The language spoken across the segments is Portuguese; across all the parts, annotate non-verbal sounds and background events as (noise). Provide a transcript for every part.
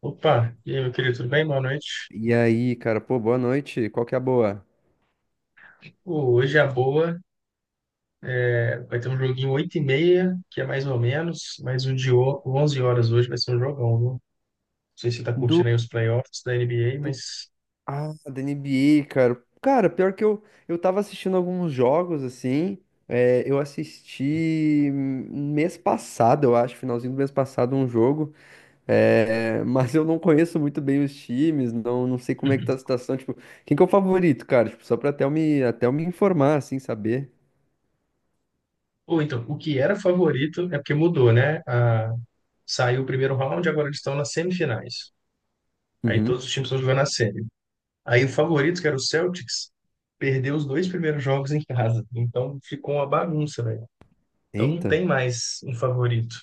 Opa, e aí, meu querido, tudo bem? Boa noite. E aí, cara, pô, boa noite. Qual que é a boa? Pô, hoje é a boa vai ter um joguinho oito e meia, que é mais ou menos, mas 11 horas hoje vai ser um jogão, viu? Não sei se você tá Do. curtindo aí os playoffs da NBA, mas... Ah, da NBA, cara. Cara, pior que eu, tava assistindo alguns jogos, assim. É, eu assisti mês passado, eu acho, finalzinho do mês passado, um jogo. É, (laughs) mas eu não conheço muito bem os times, não, não sei como é que tá a situação. Tipo, quem que é o favorito, cara? Tipo, só pra até eu me informar, assim, saber. Ou então, o que era favorito é porque mudou, né? A... Saiu o primeiro round, agora eles estão nas semifinais. Aí todos Uhum. os times estão jogando a série. Aí o favorito, que era o Celtics, perdeu os dois primeiros jogos em casa. Então ficou uma bagunça, velho. Então não Eita. tem mais um favorito.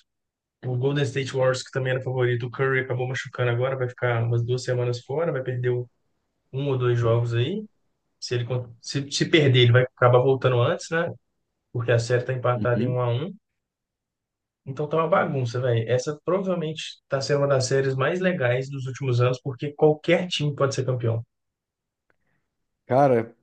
O Golden State Warriors, que também era favorito, o Curry acabou machucando agora, vai ficar umas duas semanas fora, vai perder um ou dois jogos aí. Se perder, ele vai acabar voltando antes, né? Porque a série tá empatada em um Uhum. a um. Então tá uma bagunça, velho. Essa provavelmente tá sendo uma das séries mais legais dos últimos anos, porque qualquer time pode ser campeão. Cara,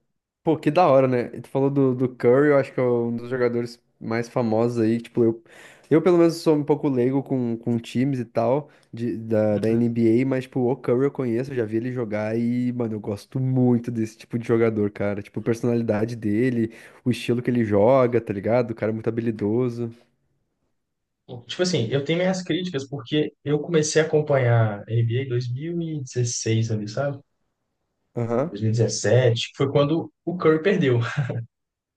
pô, que da hora, né? E tu falou do Curry, eu acho que é um dos jogadores mais famosos aí. Tipo, eu pelo menos sou um pouco leigo com times e tal, da NBA, mas, tipo, o Curry eu conheço, eu já vi ele jogar e, mano, eu gosto muito desse tipo de jogador, cara. Tipo, a personalidade dele, o estilo que ele joga, tá ligado? O cara é muito habilidoso. Uhum. Tipo assim, eu tenho minhas críticas porque eu comecei a acompanhar N B a NBA em 2016 ali, sabe? Aham. 2017, que foi quando o Curry perdeu.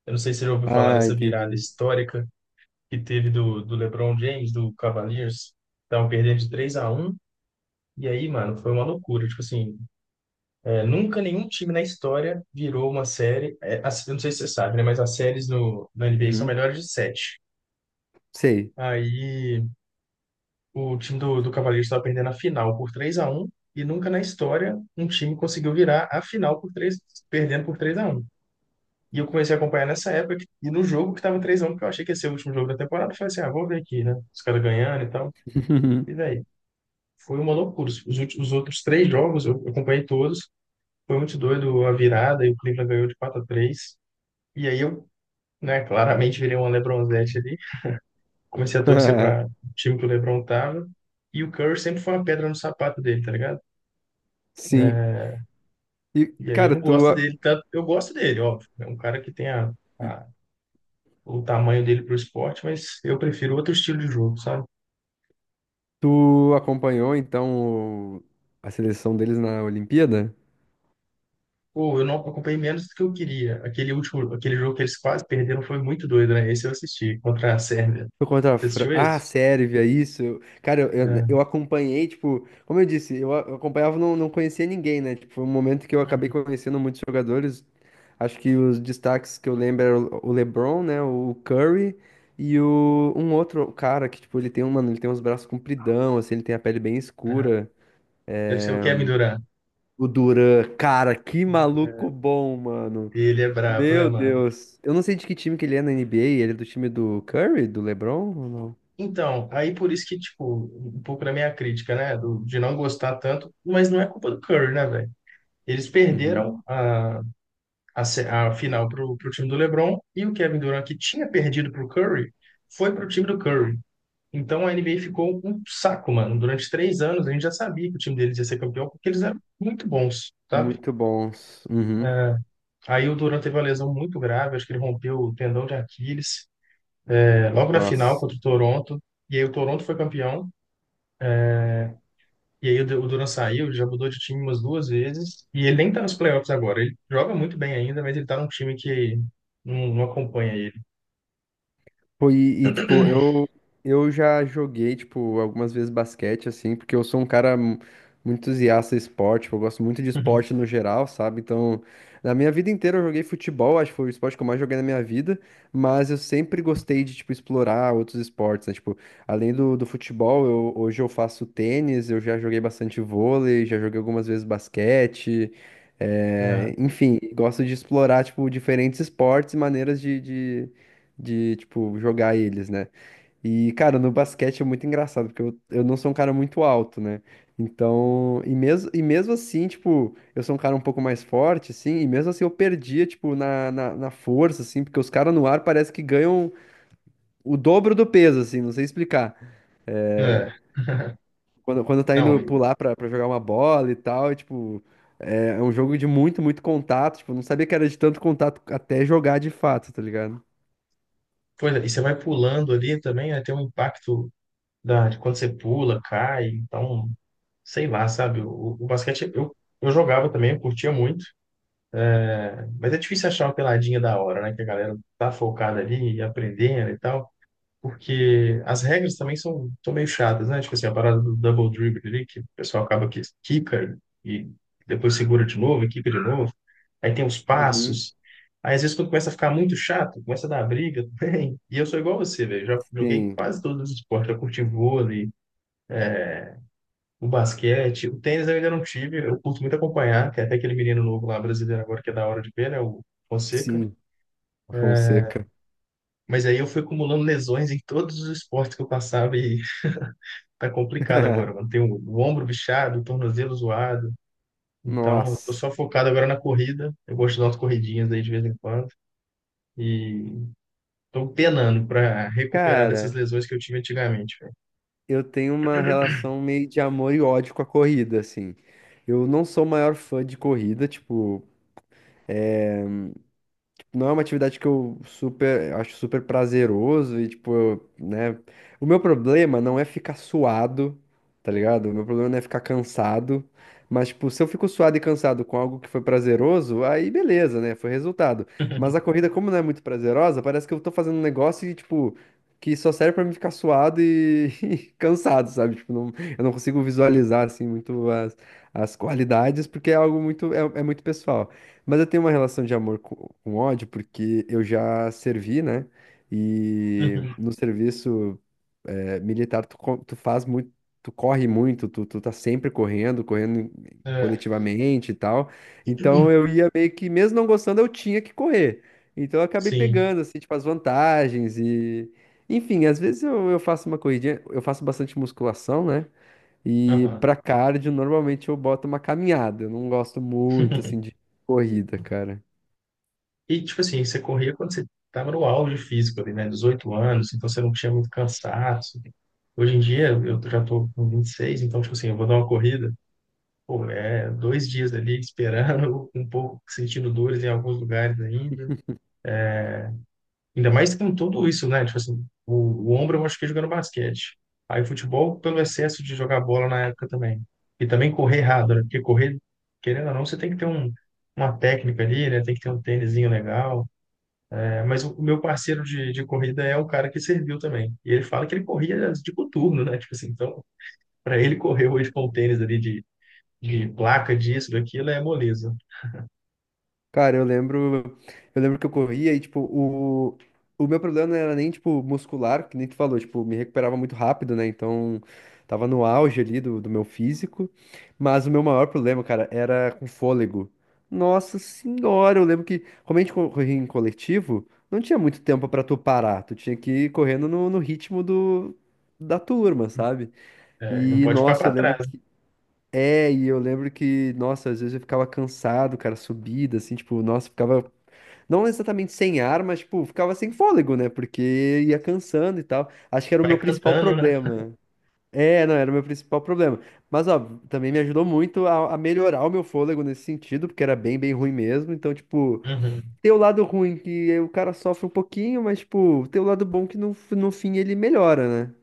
Eu não sei se você já ouviu falar Ah, dessa virada entendi. histórica que teve do LeBron James, do Cavaliers. Estavam perdendo de 3 a um. E aí, mano, foi uma loucura. Tipo assim, nunca nenhum time na história virou uma série. É, eu não sei se você sabe, né? Mas as séries no, na NBA são Uhum. melhores de 7. Sei. Aí o time do Cavaliers estava perdendo a final por 3 a um. E nunca na história um time conseguiu virar a final por três, perdendo por 3 a um. E eu comecei a acompanhar nessa época, e no jogo que tava 3x1, porque eu achei que ia ser o último jogo da temporada, eu falei assim, ah, vou ver aqui, né? Os caras ganhando e tal. E (laughs) daí, foi uma loucura. Os últimos, os outros três jogos, eu acompanhei todos, foi muito doido a virada, e o Cleveland ganhou de quatro a três. E aí eu, né, claramente virei uma LeBronzete ali, comecei a torcer para o (laughs) time que o LeBron tava, e o Curry sempre foi uma pedra no sapato dele, tá ligado? Sim. E, E aí eu cara, não gosto dele, tanto, eu gosto dele, óbvio, é um cara que tem a, a- o tamanho dele pro esporte, mas eu prefiro outro estilo de jogo, sabe? tu acompanhou, então, a seleção deles na Olimpíada? Pô, eu não acompanhei menos do que eu queria. Aquele último, aquele jogo que eles quase perderam foi muito doido, né? Esse eu assisti, contra a Sérvia. Foi contra a Você Fran... assistiu Ah, a esse? Sérvia, isso. Eu... Cara, eu, né, É. eu acompanhei, tipo, como eu disse, eu acompanhava, e não conhecia ninguém, né? Tipo, foi um momento que eu acabei conhecendo muitos jogadores. Acho que os destaques que eu lembro eram o LeBron, né? O Curry e o, um outro cara que, tipo, mano, ele tem uns braços compridão, assim, ele tem a pele bem Tá. escura. Deve ser o Kevin Durant. O Duran, cara, que maluco É. bom, mano. Ele é brabo, né, Meu mano? Deus. Eu não sei de que time que ele é na NBA. Ele é do time do Curry, do LeBron ou não? Então, aí por isso que, tipo, um pouco da minha crítica, né? De não gostar tanto, mas não é culpa do Curry, né, velho? Eles Uhum. perderam a, a final pro time do LeBron e o Kevin Durant, que tinha perdido pro Curry, foi pro time do Curry. Então a NBA ficou um saco, mano. Durante três anos a gente já sabia que o time deles ia ser campeão porque eles eram muito bons, sabe? Muito bons. Uhum. Aí o Durant teve uma lesão muito grave, acho que ele rompeu o tendão de Aquiles, é, logo na final Nossa. contra o Toronto. E aí o Toronto foi campeão. E aí o Durant saiu, ele já mudou de time umas duas vezes. E ele nem tá nos playoffs agora. Ele joga muito bem ainda, mas ele tá num time que não acompanha ele. Pô, tipo, eu já joguei, tipo, algumas vezes basquete, assim, porque eu sou um cara muito entusiasta de esporte, tipo, eu gosto muito de esporte (laughs) no geral, sabe? Então, na minha vida inteira eu joguei futebol, acho que foi o esporte que eu mais joguei na minha vida, mas eu sempre gostei de, tipo, explorar outros esportes, né? Tipo, além do futebol, hoje eu faço tênis, eu já joguei bastante vôlei, já joguei algumas vezes basquete, Né? é, enfim, gosto de explorar, tipo, diferentes esportes e maneiras tipo, jogar eles, né? E, cara, no basquete é muito engraçado, porque eu não sou um cara muito alto, né? Então, e mesmo assim, tipo, eu sou um cara um pouco mais forte, assim, e mesmo assim eu perdia, tipo, na força, assim, porque os caras no ar parece que ganham o dobro do peso, assim, não sei explicar. É, Quando tá não, indo e- pular pra jogar uma bola e tal, e, tipo, é um jogo de muito contato, tipo, eu não sabia que era de tanto contato até jogar de fato, tá ligado? Pois é, e você vai pulando ali também, né, tem um impacto da, de quando você pula, cai, então sei lá, sabe? O basquete eu jogava também, eu curtia muito, né? Mas é difícil achar uma peladinha da hora, né? Que a galera tá focada ali e aprendendo e tal, porque as regras também são meio chatas, né? Tipo assim, a parada do double dribble ali, que o pessoal acaba que quica e depois segura de novo, e quica de novo. Aí tem os Uhum. passos. Aí, às vezes, quando começa a ficar muito chato, começa a dar briga (laughs) também. E eu sou igual você, velho. Já joguei Sim, quase todos os esportes. Já curti vôlei, o basquete, o tênis eu ainda não tive, eu curto muito acompanhar, tem até aquele menino novo lá brasileiro agora que é da hora de ver, né, o Fonseca. sim, a Fonseca. Mas aí eu fui acumulando lesões em todos os esportes que eu passava e (laughs) tá complicado agora, mano. (laughs) Tem o ombro bichado, o tornozelo zoado. Então, eu tô Nossa. só focado agora na corrida. Eu gosto de dar umas corridinhas aí de vez em quando e tô penando para recuperar dessas Cara, lesões que eu tive antigamente, velho. eu tenho uma relação meio de amor e ódio com a corrida, assim. Eu não sou o maior fã de corrida, tipo, não é uma atividade que eu super, acho super prazeroso e, tipo, eu, né? O meu problema não é ficar suado, tá ligado? O meu problema não é ficar cansado. Mas, tipo, se eu fico suado e cansado com algo que foi prazeroso, aí beleza, né? Foi resultado. Mas a corrida, como não é muito prazerosa, parece que eu tô fazendo um negócio e, tipo, que só serve pra mim ficar suado e, (laughs) e cansado, sabe? Tipo, não, eu não consigo visualizar, assim, muito as qualidades, porque é algo muito, é muito pessoal. Mas eu tenho uma relação de amor com ódio, porque eu já servi, né? E (laughs) no serviço militar, tu faz muito, tu corre muito, tu tá sempre correndo, É. coletivamente e tal. Então eu ia meio que, mesmo não gostando, eu tinha que correr. Então eu acabei Sim. pegando, assim, tipo, as vantagens e... Enfim, às vezes eu faço uma corridinha, eu faço bastante musculação, né? E Aham. pra cardio, normalmente eu boto uma caminhada. Eu não gosto muito, assim, (laughs) de corrida, cara. E, tipo assim, você corria quando você estava no auge físico ali, né? 18 anos, então você não tinha muito cansaço. Hoje em dia, eu já tô com vinte e seis, então, tipo assim, eu vou dar uma corrida, pô, é dois dias ali esperando, (laughs) um pouco sentindo dores em alguns lugares ainda. Ainda mais com tudo isso, né? Tipo assim, o ombro eu machuquei jogando basquete. Aí futebol pelo excesso de jogar bola na época também. E também correr errado, né? Porque correr, querendo ou não, você tem que ter um, uma técnica ali, né? Tem que ter um tênisinho legal. Mas o meu parceiro de corrida é o cara que serviu também. E ele fala que ele corria de coturno, né? Tipo assim, então, para ele correr hoje com o tênis ali de placa, disso, daquilo, é moleza. Cara, eu lembro que eu corria e, tipo, o meu problema não era nem, tipo, muscular, que nem tu falou, tipo, me recuperava muito rápido, né? Então, tava no auge ali do meu físico, mas o meu maior problema, cara, era com fôlego. Nossa senhora, eu lembro que, como a gente corria em coletivo, não tinha muito tempo pra tu parar, tu tinha que ir correndo no ritmo da turma, sabe? É, não E, pode ficar nossa, eu para lembro trás. que eu lembro que, nossa, às vezes eu ficava cansado, cara, subida, assim, tipo, nossa, ficava não exatamente sem ar, mas, tipo, ficava sem fôlego, né? Porque ia cansando e tal. Acho que E era o meu vai principal cantando, né? problema. É, não, era o meu principal problema. Mas, ó, também me ajudou muito a melhorar o meu fôlego nesse sentido, porque era bem ruim mesmo. Então, tipo, Uhum. tem o lado ruim que o cara sofre um pouquinho, mas, tipo, tem o lado bom que no, no fim ele melhora, né?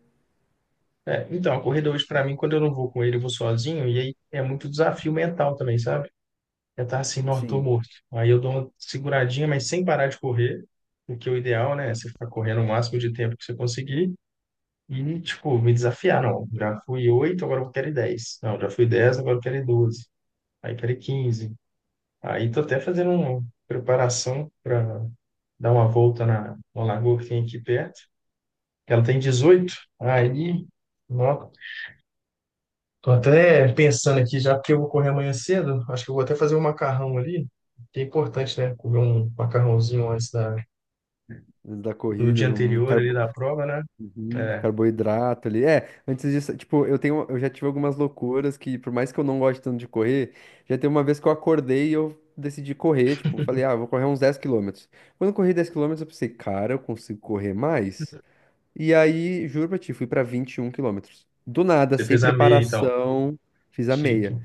É, então, a corrida hoje, para mim, quando eu não vou com ele, eu vou sozinho. E aí é muito desafio mental também, sabe? É estar assim, não, tô Sim. morto. Aí eu dou uma seguradinha, mas sem parar de correr, o que é o ideal, né? Você ficar correndo o máximo de tempo que você conseguir. E, tipo, me desafiar, não. Já fui 8 agora eu quero ir 10. Não, já fui 10 agora eu quero ir 12. Aí quero ir 15. Aí tô até fazendo uma preparação para dar uma volta na lagoa que tem aqui perto. Que Ela tem 18. Aí, ó, tô até pensando aqui, já porque eu vou correr amanhã cedo, acho que eu vou até fazer um macarrão ali. Que é importante, né? Comer um macarrãozinho antes Da do dia corrida, um anterior cara. ali da prova, né? Uhum, É, carboidrato ali. É, antes disso, tipo, eu tenho, eu já tive algumas loucuras que, por mais que eu não goste tanto de correr, já teve uma vez que eu acordei e eu decidi correr, tipo, falei, ah, vou correr uns 10 km. Quando eu corri 10 km eu pensei, cara, eu consigo correr mais? E aí, juro pra ti, fui pra 21 km. Do nada, você sem fez a meia, então. preparação, fiz a Chique. meia.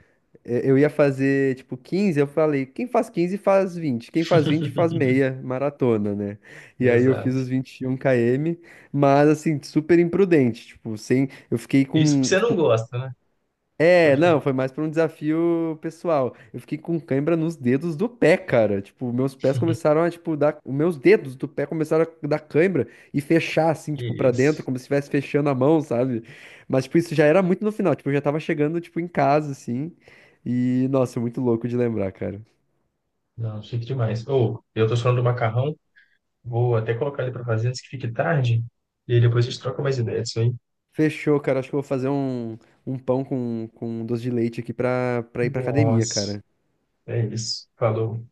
Eu ia fazer, tipo, 15, eu falei, quem faz 15 faz 20, quem faz 20 faz (laughs) meia maratona, né? E aí eu fiz Exato. os 21 km, mas assim, super imprudente, tipo, sem, eu fiquei Isso porque com, você não tipo, gosta, né? é, não, foi mais pra um desafio pessoal. Eu fiquei com cãibra nos dedos do pé, cara. Tipo, meus pés começaram a, tipo, dar. Os meus dedos do pé começaram a dar cãibra e fechar, assim, Que tipo, pra dentro, isso. como se estivesse fechando a mão, sabe? Mas, tipo, isso já era muito no final. Tipo, eu já tava chegando, tipo, em casa, assim. E, nossa, muito louco de lembrar, cara. Não, chique demais. Ou, eu tô falando do macarrão, vou até colocar ele pra fazer antes que fique tarde, e aí depois a gente troca mais ideias disso aí. Fechou, cara. Acho que eu vou fazer um, um pão com um doce de leite aqui pra ir pra academia, Nossa, cara. é isso. Falou.